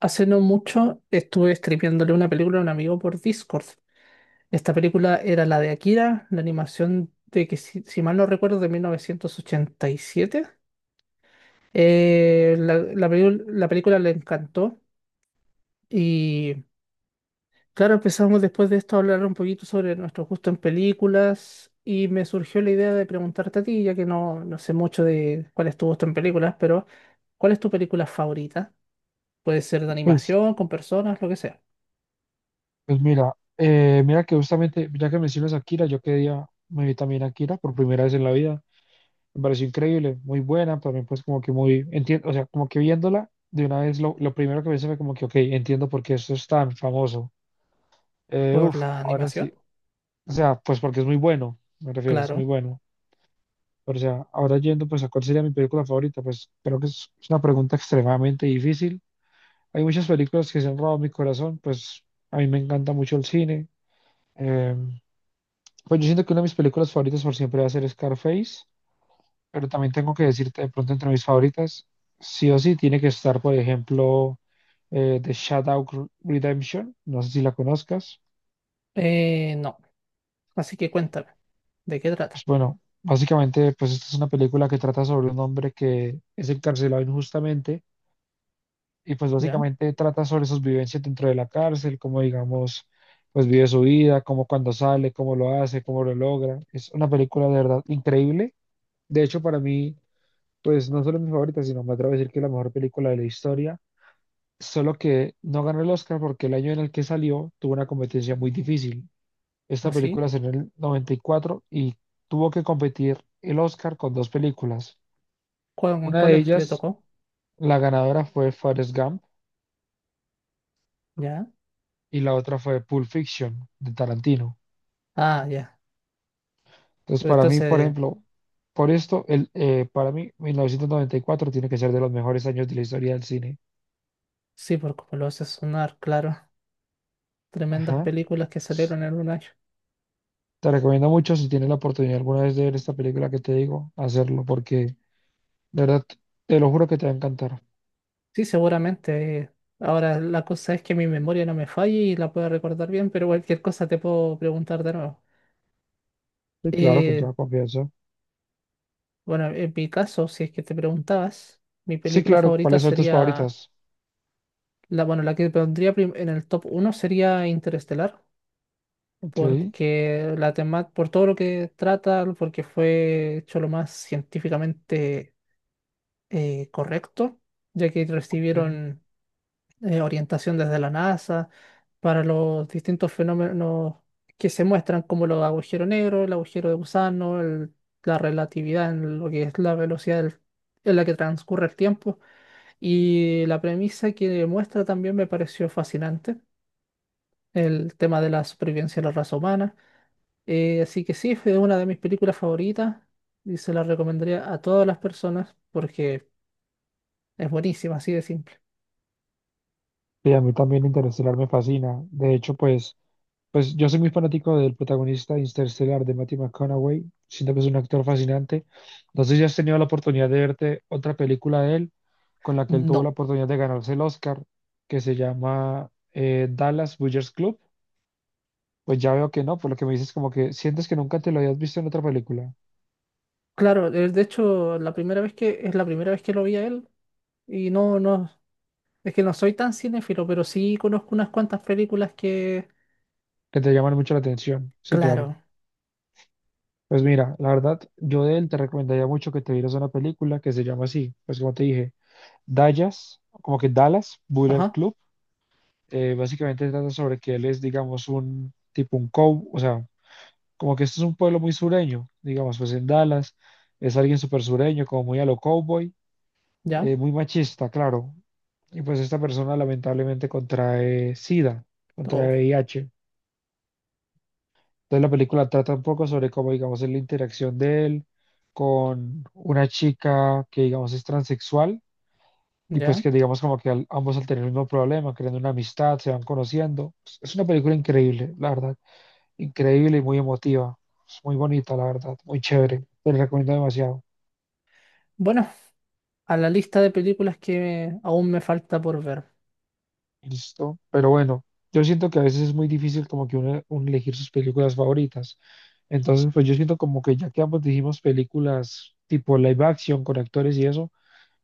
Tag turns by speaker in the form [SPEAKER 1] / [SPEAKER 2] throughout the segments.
[SPEAKER 1] Hace no mucho estuve streameándole una película a un amigo por Discord. Esta película era la de Akira, la animación de que, si mal no recuerdo, de 1987. La película le encantó y, claro, empezamos después de esto a hablar un poquito sobre nuestro gusto en películas y me surgió la idea de preguntarte a ti, ya que no sé mucho de cuál es tu gusto en películas, pero ¿cuál es tu película favorita? Puede ser de
[SPEAKER 2] Pues,
[SPEAKER 1] animación, con personas, lo que sea.
[SPEAKER 2] pues mira, mira que justamente, ya que mencionas a Akira, yo quedé día me vi también a Akira por primera vez en la vida. Me pareció increíble, muy buena, también pues como que muy, entiendo, o sea, como que viéndola de una vez, lo primero que pensé fue como que, ok, entiendo por qué esto es tan famoso. Eh,
[SPEAKER 1] ¿Por
[SPEAKER 2] uf,
[SPEAKER 1] la
[SPEAKER 2] ahora
[SPEAKER 1] animación?
[SPEAKER 2] sí, o sea, pues porque es muy bueno, me refiero, es muy
[SPEAKER 1] Claro.
[SPEAKER 2] bueno. Pero, o sea, ahora yendo pues a cuál sería mi película favorita, pues creo que es una pregunta extremadamente difícil. Hay muchas películas que se han robado mi corazón, pues a mí me encanta mucho el cine. em, Pues yo siento que una de mis películas favoritas por siempre va a ser Scarface, pero también tengo que decirte de pronto entre mis favoritas, sí o sí tiene que estar, por ejemplo, The Shawshank Redemption, no sé si la conozcas.
[SPEAKER 1] No. Así que cuéntame, ¿de qué trata?
[SPEAKER 2] Pues bueno, básicamente pues esta es una película que trata sobre un hombre que es encarcelado injustamente y pues
[SPEAKER 1] ¿Ya?
[SPEAKER 2] básicamente trata sobre sus vivencias dentro de la cárcel, cómo digamos, pues vive su vida, cómo cuando sale, cómo lo hace, cómo lo logra. Es una película de verdad increíble. De hecho, para mí... Pues no solo mi favorita, sino me atrevo a decir que es la mejor película de la historia. Solo que no ganó el Oscar porque el año en el que salió tuvo una competencia muy difícil. Esta
[SPEAKER 1] ¿Así?
[SPEAKER 2] película salió en el 94 y cuatro y tuvo que competir el Oscar con dos películas.
[SPEAKER 1] ¿Cuál, con
[SPEAKER 2] Una de
[SPEAKER 1] cuáles le
[SPEAKER 2] ellas,
[SPEAKER 1] tocó?
[SPEAKER 2] la ganadora fue Forrest Gump
[SPEAKER 1] ¿Ya?
[SPEAKER 2] y la otra fue Pulp Fiction de Tarantino.
[SPEAKER 1] Ah, ya.
[SPEAKER 2] Entonces, para mí, por
[SPEAKER 1] Entonces,
[SPEAKER 2] ejemplo, por esto, para mí, 1994 tiene que ser de los mejores años de la historia del cine.
[SPEAKER 1] sí, por como lo hace sonar, claro. Tremendas
[SPEAKER 2] Ajá.
[SPEAKER 1] películas que salieron en un año.
[SPEAKER 2] Te recomiendo mucho si tienes la oportunidad alguna vez de ver esta película que te digo, hacerlo, porque de verdad te lo juro que te va a encantar.
[SPEAKER 1] Sí, seguramente. Ahora, la cosa es que mi memoria no me falle y la pueda recordar bien, pero cualquier cosa te puedo preguntar de nuevo.
[SPEAKER 2] Sí, claro, con
[SPEAKER 1] Eh,
[SPEAKER 2] toda confianza.
[SPEAKER 1] bueno, en mi caso, si es que te preguntabas, mi
[SPEAKER 2] Sí,
[SPEAKER 1] película
[SPEAKER 2] claro,
[SPEAKER 1] favorita
[SPEAKER 2] ¿cuáles son tus
[SPEAKER 1] sería
[SPEAKER 2] favoritas?
[SPEAKER 1] la, bueno, la que en el top uno sería Interestelar.
[SPEAKER 2] Ok.
[SPEAKER 1] Porque la tema, por todo lo que trata, porque fue hecho lo más científicamente correcto, ya que
[SPEAKER 2] Ok.
[SPEAKER 1] recibieron orientación desde la NASA para los distintos fenómenos que se muestran, como los agujeros negros, el agujero de gusano, la relatividad en lo que es en la que transcurre el tiempo. Y la premisa que muestra también me pareció fascinante, el tema de la supervivencia de la raza humana. Así que sí, fue una de mis películas favoritas y se la recomendaría a todas las personas porque es buenísima, así de simple.
[SPEAKER 2] Sí, a mí también Interestelar me fascina. De hecho, pues, pues yo soy muy fanático del protagonista de Interestelar de Matthew McConaughey. Siento que es un actor fascinante. No sé si has tenido la oportunidad de verte otra película de él con la que él tuvo la
[SPEAKER 1] No,
[SPEAKER 2] oportunidad de ganarse el Oscar, que se llama Dallas Buyers Club. Pues ya veo que no, por lo que me dices como que sientes que nunca te lo habías visto en otra película,
[SPEAKER 1] claro, de hecho, la primera vez que es la primera vez que lo vi a él y es que no soy tan cinéfilo, pero sí conozco unas cuantas películas que,
[SPEAKER 2] que te llaman mucho la atención. Sí, claro.
[SPEAKER 1] claro,
[SPEAKER 2] Pues mira, la verdad, yo de él te recomendaría mucho que te vieras una película que se llama así, pues como te dije, Dallas, como que Dallas Bullet
[SPEAKER 1] ajá,
[SPEAKER 2] Club. Básicamente trata sobre que él es, digamos, un tipo un cow, o sea, como que esto es un pueblo muy sureño, digamos, pues en Dallas es alguien súper sureño, como muy a lo cowboy,
[SPEAKER 1] ya,
[SPEAKER 2] muy machista, claro. Y pues esta persona lamentablemente contrae SIDA, contrae
[SPEAKER 1] oh,
[SPEAKER 2] VIH. Entonces la película trata un poco sobre cómo, digamos, es la interacción de él con una chica que, digamos, es transexual y pues
[SPEAKER 1] ya.
[SPEAKER 2] que, digamos, como que ambos al tener el mismo problema, creando una amistad, se van conociendo. Pues, es una película increíble, la verdad. Increíble y muy emotiva. Es muy bonita, la verdad. Muy chévere. Te la recomiendo demasiado.
[SPEAKER 1] Bueno, a la lista de películas que aún me falta por ver,
[SPEAKER 2] Listo. Pero bueno, yo siento que a veces es muy difícil como que uno elegir sus películas favoritas. Entonces, pues yo siento como que ya que ambos dijimos películas tipo live action con actores y eso,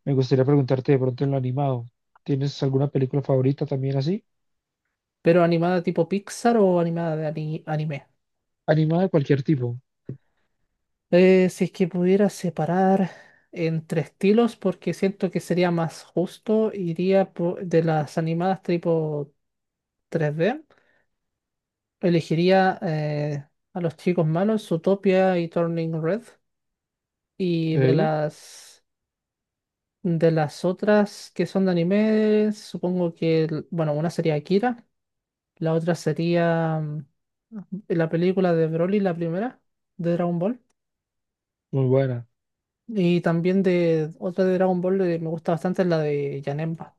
[SPEAKER 2] me gustaría preguntarte de pronto en lo animado. ¿Tienes alguna película favorita también así?
[SPEAKER 1] pero animada tipo Pixar o animada anime.
[SPEAKER 2] Animada de cualquier tipo.
[SPEAKER 1] Si es que pudiera separar entre estilos, porque siento que sería más justo, iría por- de las animadas tipo 3D. Elegiría a los chicos malos, Utopia y Turning Red. Y
[SPEAKER 2] ¿Sí?
[SPEAKER 1] de las otras que son de anime, supongo que, el- bueno, una sería Akira, la otra sería la película de Broly, la primera, de Dragon Ball.
[SPEAKER 2] Muy buena.
[SPEAKER 1] Y también de otra de Dragon Ball que me gusta bastante es la de Janemba.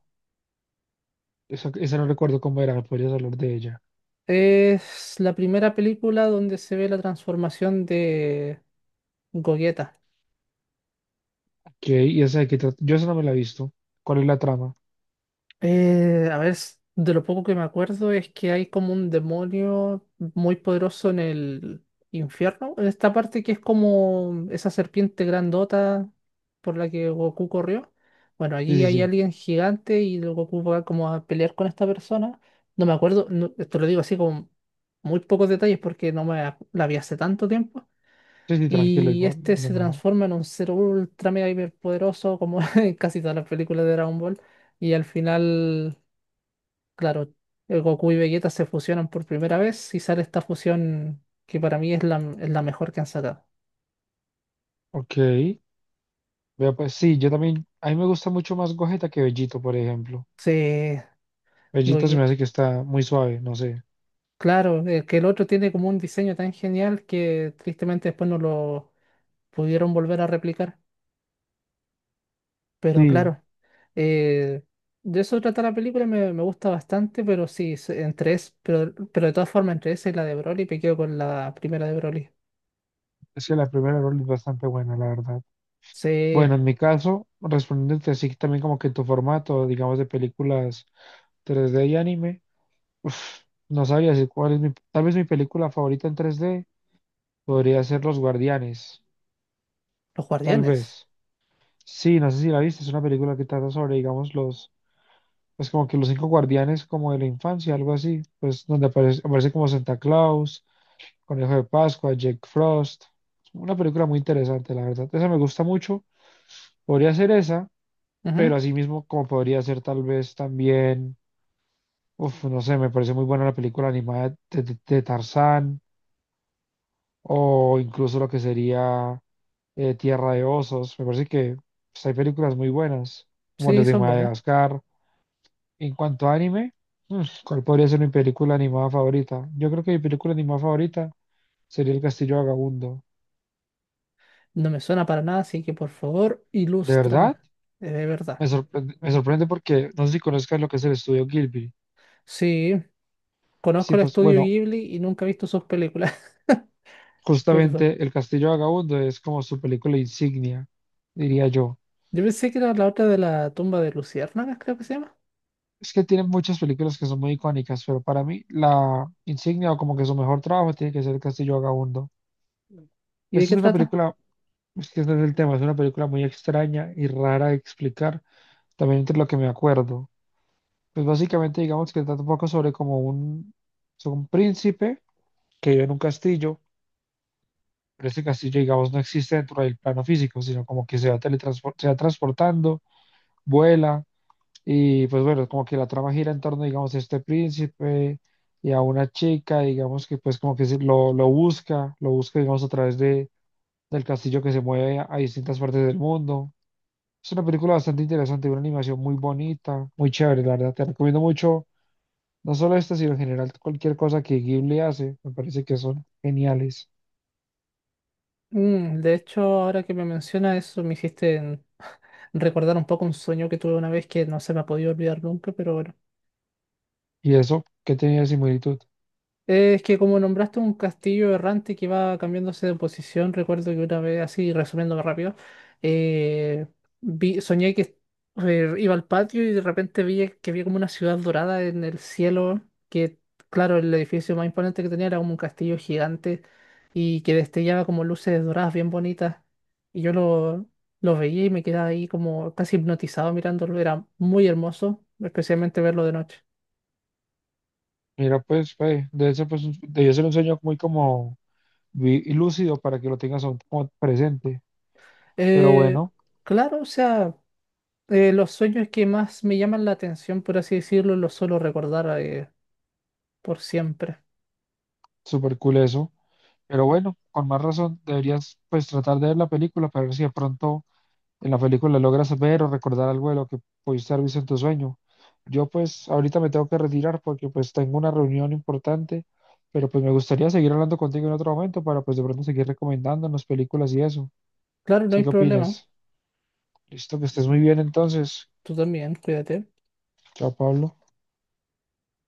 [SPEAKER 2] Esa no recuerdo cómo era, me podrías hablar de ella.
[SPEAKER 1] Es la primera película donde se ve la transformación de Gogeta.
[SPEAKER 2] Ok, ¿y esa de qué trata? Yo esa no me la he visto. ¿Cuál es la trama?
[SPEAKER 1] A ver, s- de lo poco que me acuerdo es que hay como un demonio muy poderoso en el infierno, en esta parte que es como esa serpiente grandota por la que Goku corrió. Bueno,
[SPEAKER 2] Sí,
[SPEAKER 1] allí
[SPEAKER 2] sí,
[SPEAKER 1] hay
[SPEAKER 2] sí.
[SPEAKER 1] alguien gigante y el Goku va como a pelear con esta persona. No me acuerdo, no- te lo digo así con muy pocos detalles porque no me ac- la vi hace tanto tiempo.
[SPEAKER 2] Sí, sí, tranquilo,
[SPEAKER 1] Y
[SPEAKER 2] igual, no
[SPEAKER 1] este
[SPEAKER 2] pasa
[SPEAKER 1] se
[SPEAKER 2] nada.
[SPEAKER 1] transforma en un ser ultra mega hiper poderoso como en casi todas las películas de Dragon Ball. Y al final, claro, el Goku y Vegeta se fusionan por primera vez y sale esta fusión que para mí es la mejor que han sacado.
[SPEAKER 2] Ok. Vea, pues sí, yo también, a mí me gusta mucho más Gogeta que Bellito, por ejemplo.
[SPEAKER 1] Sí,
[SPEAKER 2] Bellito se me
[SPEAKER 1] Goku.
[SPEAKER 2] hace que está muy suave, no sé.
[SPEAKER 1] Claro, que el otro tiene como un diseño tan genial que tristemente después no lo pudieron volver a replicar. Pero
[SPEAKER 2] Sí,
[SPEAKER 1] claro, eh, de eso trata la película, me gusta bastante, pero sí, pero de todas formas, entre esa y la de Broly, me quedo con la primera de Broly.
[SPEAKER 2] es que la primera rol es bastante buena, la verdad.
[SPEAKER 1] Sí,
[SPEAKER 2] Bueno, en mi caso, respondiéndote así también como que en tu formato, digamos, de películas 3D y anime, uf, no sabría decir cuál es mi, tal vez mi película favorita en 3D podría ser Los Guardianes,
[SPEAKER 1] los
[SPEAKER 2] tal
[SPEAKER 1] guardianes.
[SPEAKER 2] vez. Sí, no sé si la viste, es una película que trata sobre, digamos, los pues como que los 5 guardianes como de la infancia, algo así, pues donde aparece, aparece como Santa Claus, Conejo de Pascua, Jack Frost. Una película muy interesante, la verdad. Esa me gusta mucho. Podría ser esa, pero
[SPEAKER 1] Ujú.
[SPEAKER 2] así mismo como podría ser tal vez también, uf, no sé, me parece muy buena la película animada de Tarzán o incluso lo que sería Tierra de Osos. Me parece que pues, hay películas muy buenas, como
[SPEAKER 1] Sí,
[SPEAKER 2] las de
[SPEAKER 1] son buenas.
[SPEAKER 2] Madagascar. En cuanto a anime, mm, ¿cuál podría ser mi película animada favorita? Yo creo que mi película animada favorita sería El Castillo Vagabundo.
[SPEAKER 1] No me suena para nada, así que por favor,
[SPEAKER 2] ¿De
[SPEAKER 1] ilústrame.
[SPEAKER 2] verdad?
[SPEAKER 1] Eh, de verdad.
[SPEAKER 2] Me sorprende porque no sé si conozcas lo que es el estudio Gilby.
[SPEAKER 1] Sí,
[SPEAKER 2] Sí,
[SPEAKER 1] conozco el
[SPEAKER 2] pues
[SPEAKER 1] estudio
[SPEAKER 2] bueno,
[SPEAKER 1] Ghibli y nunca he visto sus películas. Perdón.
[SPEAKER 2] justamente El Castillo Vagabundo es como su película insignia, diría yo.
[SPEAKER 1] Yo pensé que era la otra de la tumba de Luciérnagas, creo que se llama.
[SPEAKER 2] Es que tienen muchas películas que son muy icónicas, pero para mí la insignia o como que su mejor trabajo tiene que ser El Castillo Vagabundo.
[SPEAKER 1] ¿Y de
[SPEAKER 2] Esta
[SPEAKER 1] qué
[SPEAKER 2] es una
[SPEAKER 1] trata?
[SPEAKER 2] película, es que ese es el tema, es una película muy extraña y rara de explicar, también entre lo que me acuerdo. Pues básicamente digamos que trata un poco sobre como un, sobre un príncipe que vive en un castillo. Pero este castillo, digamos, no existe dentro del plano físico, sino como que se va, se va transportando, vuela. Y pues bueno, como que la trama gira en torno, digamos, a este príncipe y a una chica, digamos que pues como que se lo busca, lo busca, digamos, a través del castillo que se mueve a distintas partes del mundo. Es una película bastante interesante, una animación muy bonita, muy chévere, la verdad. Te recomiendo mucho, no solo esta, sino en general cualquier cosa que Ghibli hace, me parece que son geniales.
[SPEAKER 1] Mm, de hecho, ahora que me menciona eso, me hiciste recordar un poco un sueño que tuve una vez que no se me ha podido olvidar nunca, pero bueno.
[SPEAKER 2] Y eso, ¿qué tenía de similitud?
[SPEAKER 1] Es que como nombraste un castillo errante que va cambiándose de posición, recuerdo que una vez, así resumiéndome rápido, eh, soñé que iba al patio y de repente vi que había como una ciudad dorada en el cielo, que, claro, el edificio más imponente que tenía era como un castillo gigante y que destellaba como luces doradas bien bonitas. Y lo veía y me quedaba ahí como casi hipnotizado mirándolo, era muy hermoso, especialmente verlo de noche.
[SPEAKER 2] Mira, pues, ve, debe ser, pues, debió ser un sueño muy como lúcido para que lo tengas aún como presente. Pero
[SPEAKER 1] Eh,
[SPEAKER 2] bueno,
[SPEAKER 1] claro, o sea... los sueños que más me llaman la atención, por así decirlo, los suelo recordar por siempre.
[SPEAKER 2] súper cool eso. Pero bueno, con más razón, deberías pues tratar de ver la película para ver si de pronto en la película logras ver o recordar algo de lo que pudiste haber visto en tu sueño. Yo pues ahorita me tengo que retirar porque pues tengo una reunión importante, pero pues me gustaría seguir hablando contigo en otro momento para pues de pronto seguir recomendándonos películas y eso.
[SPEAKER 1] Claro, no
[SPEAKER 2] ¿Sé
[SPEAKER 1] hay
[SPEAKER 2] qué
[SPEAKER 1] problema.
[SPEAKER 2] opinas? Listo, que estés muy bien entonces.
[SPEAKER 1] Tú también, cuídate.
[SPEAKER 2] Chao, Pablo.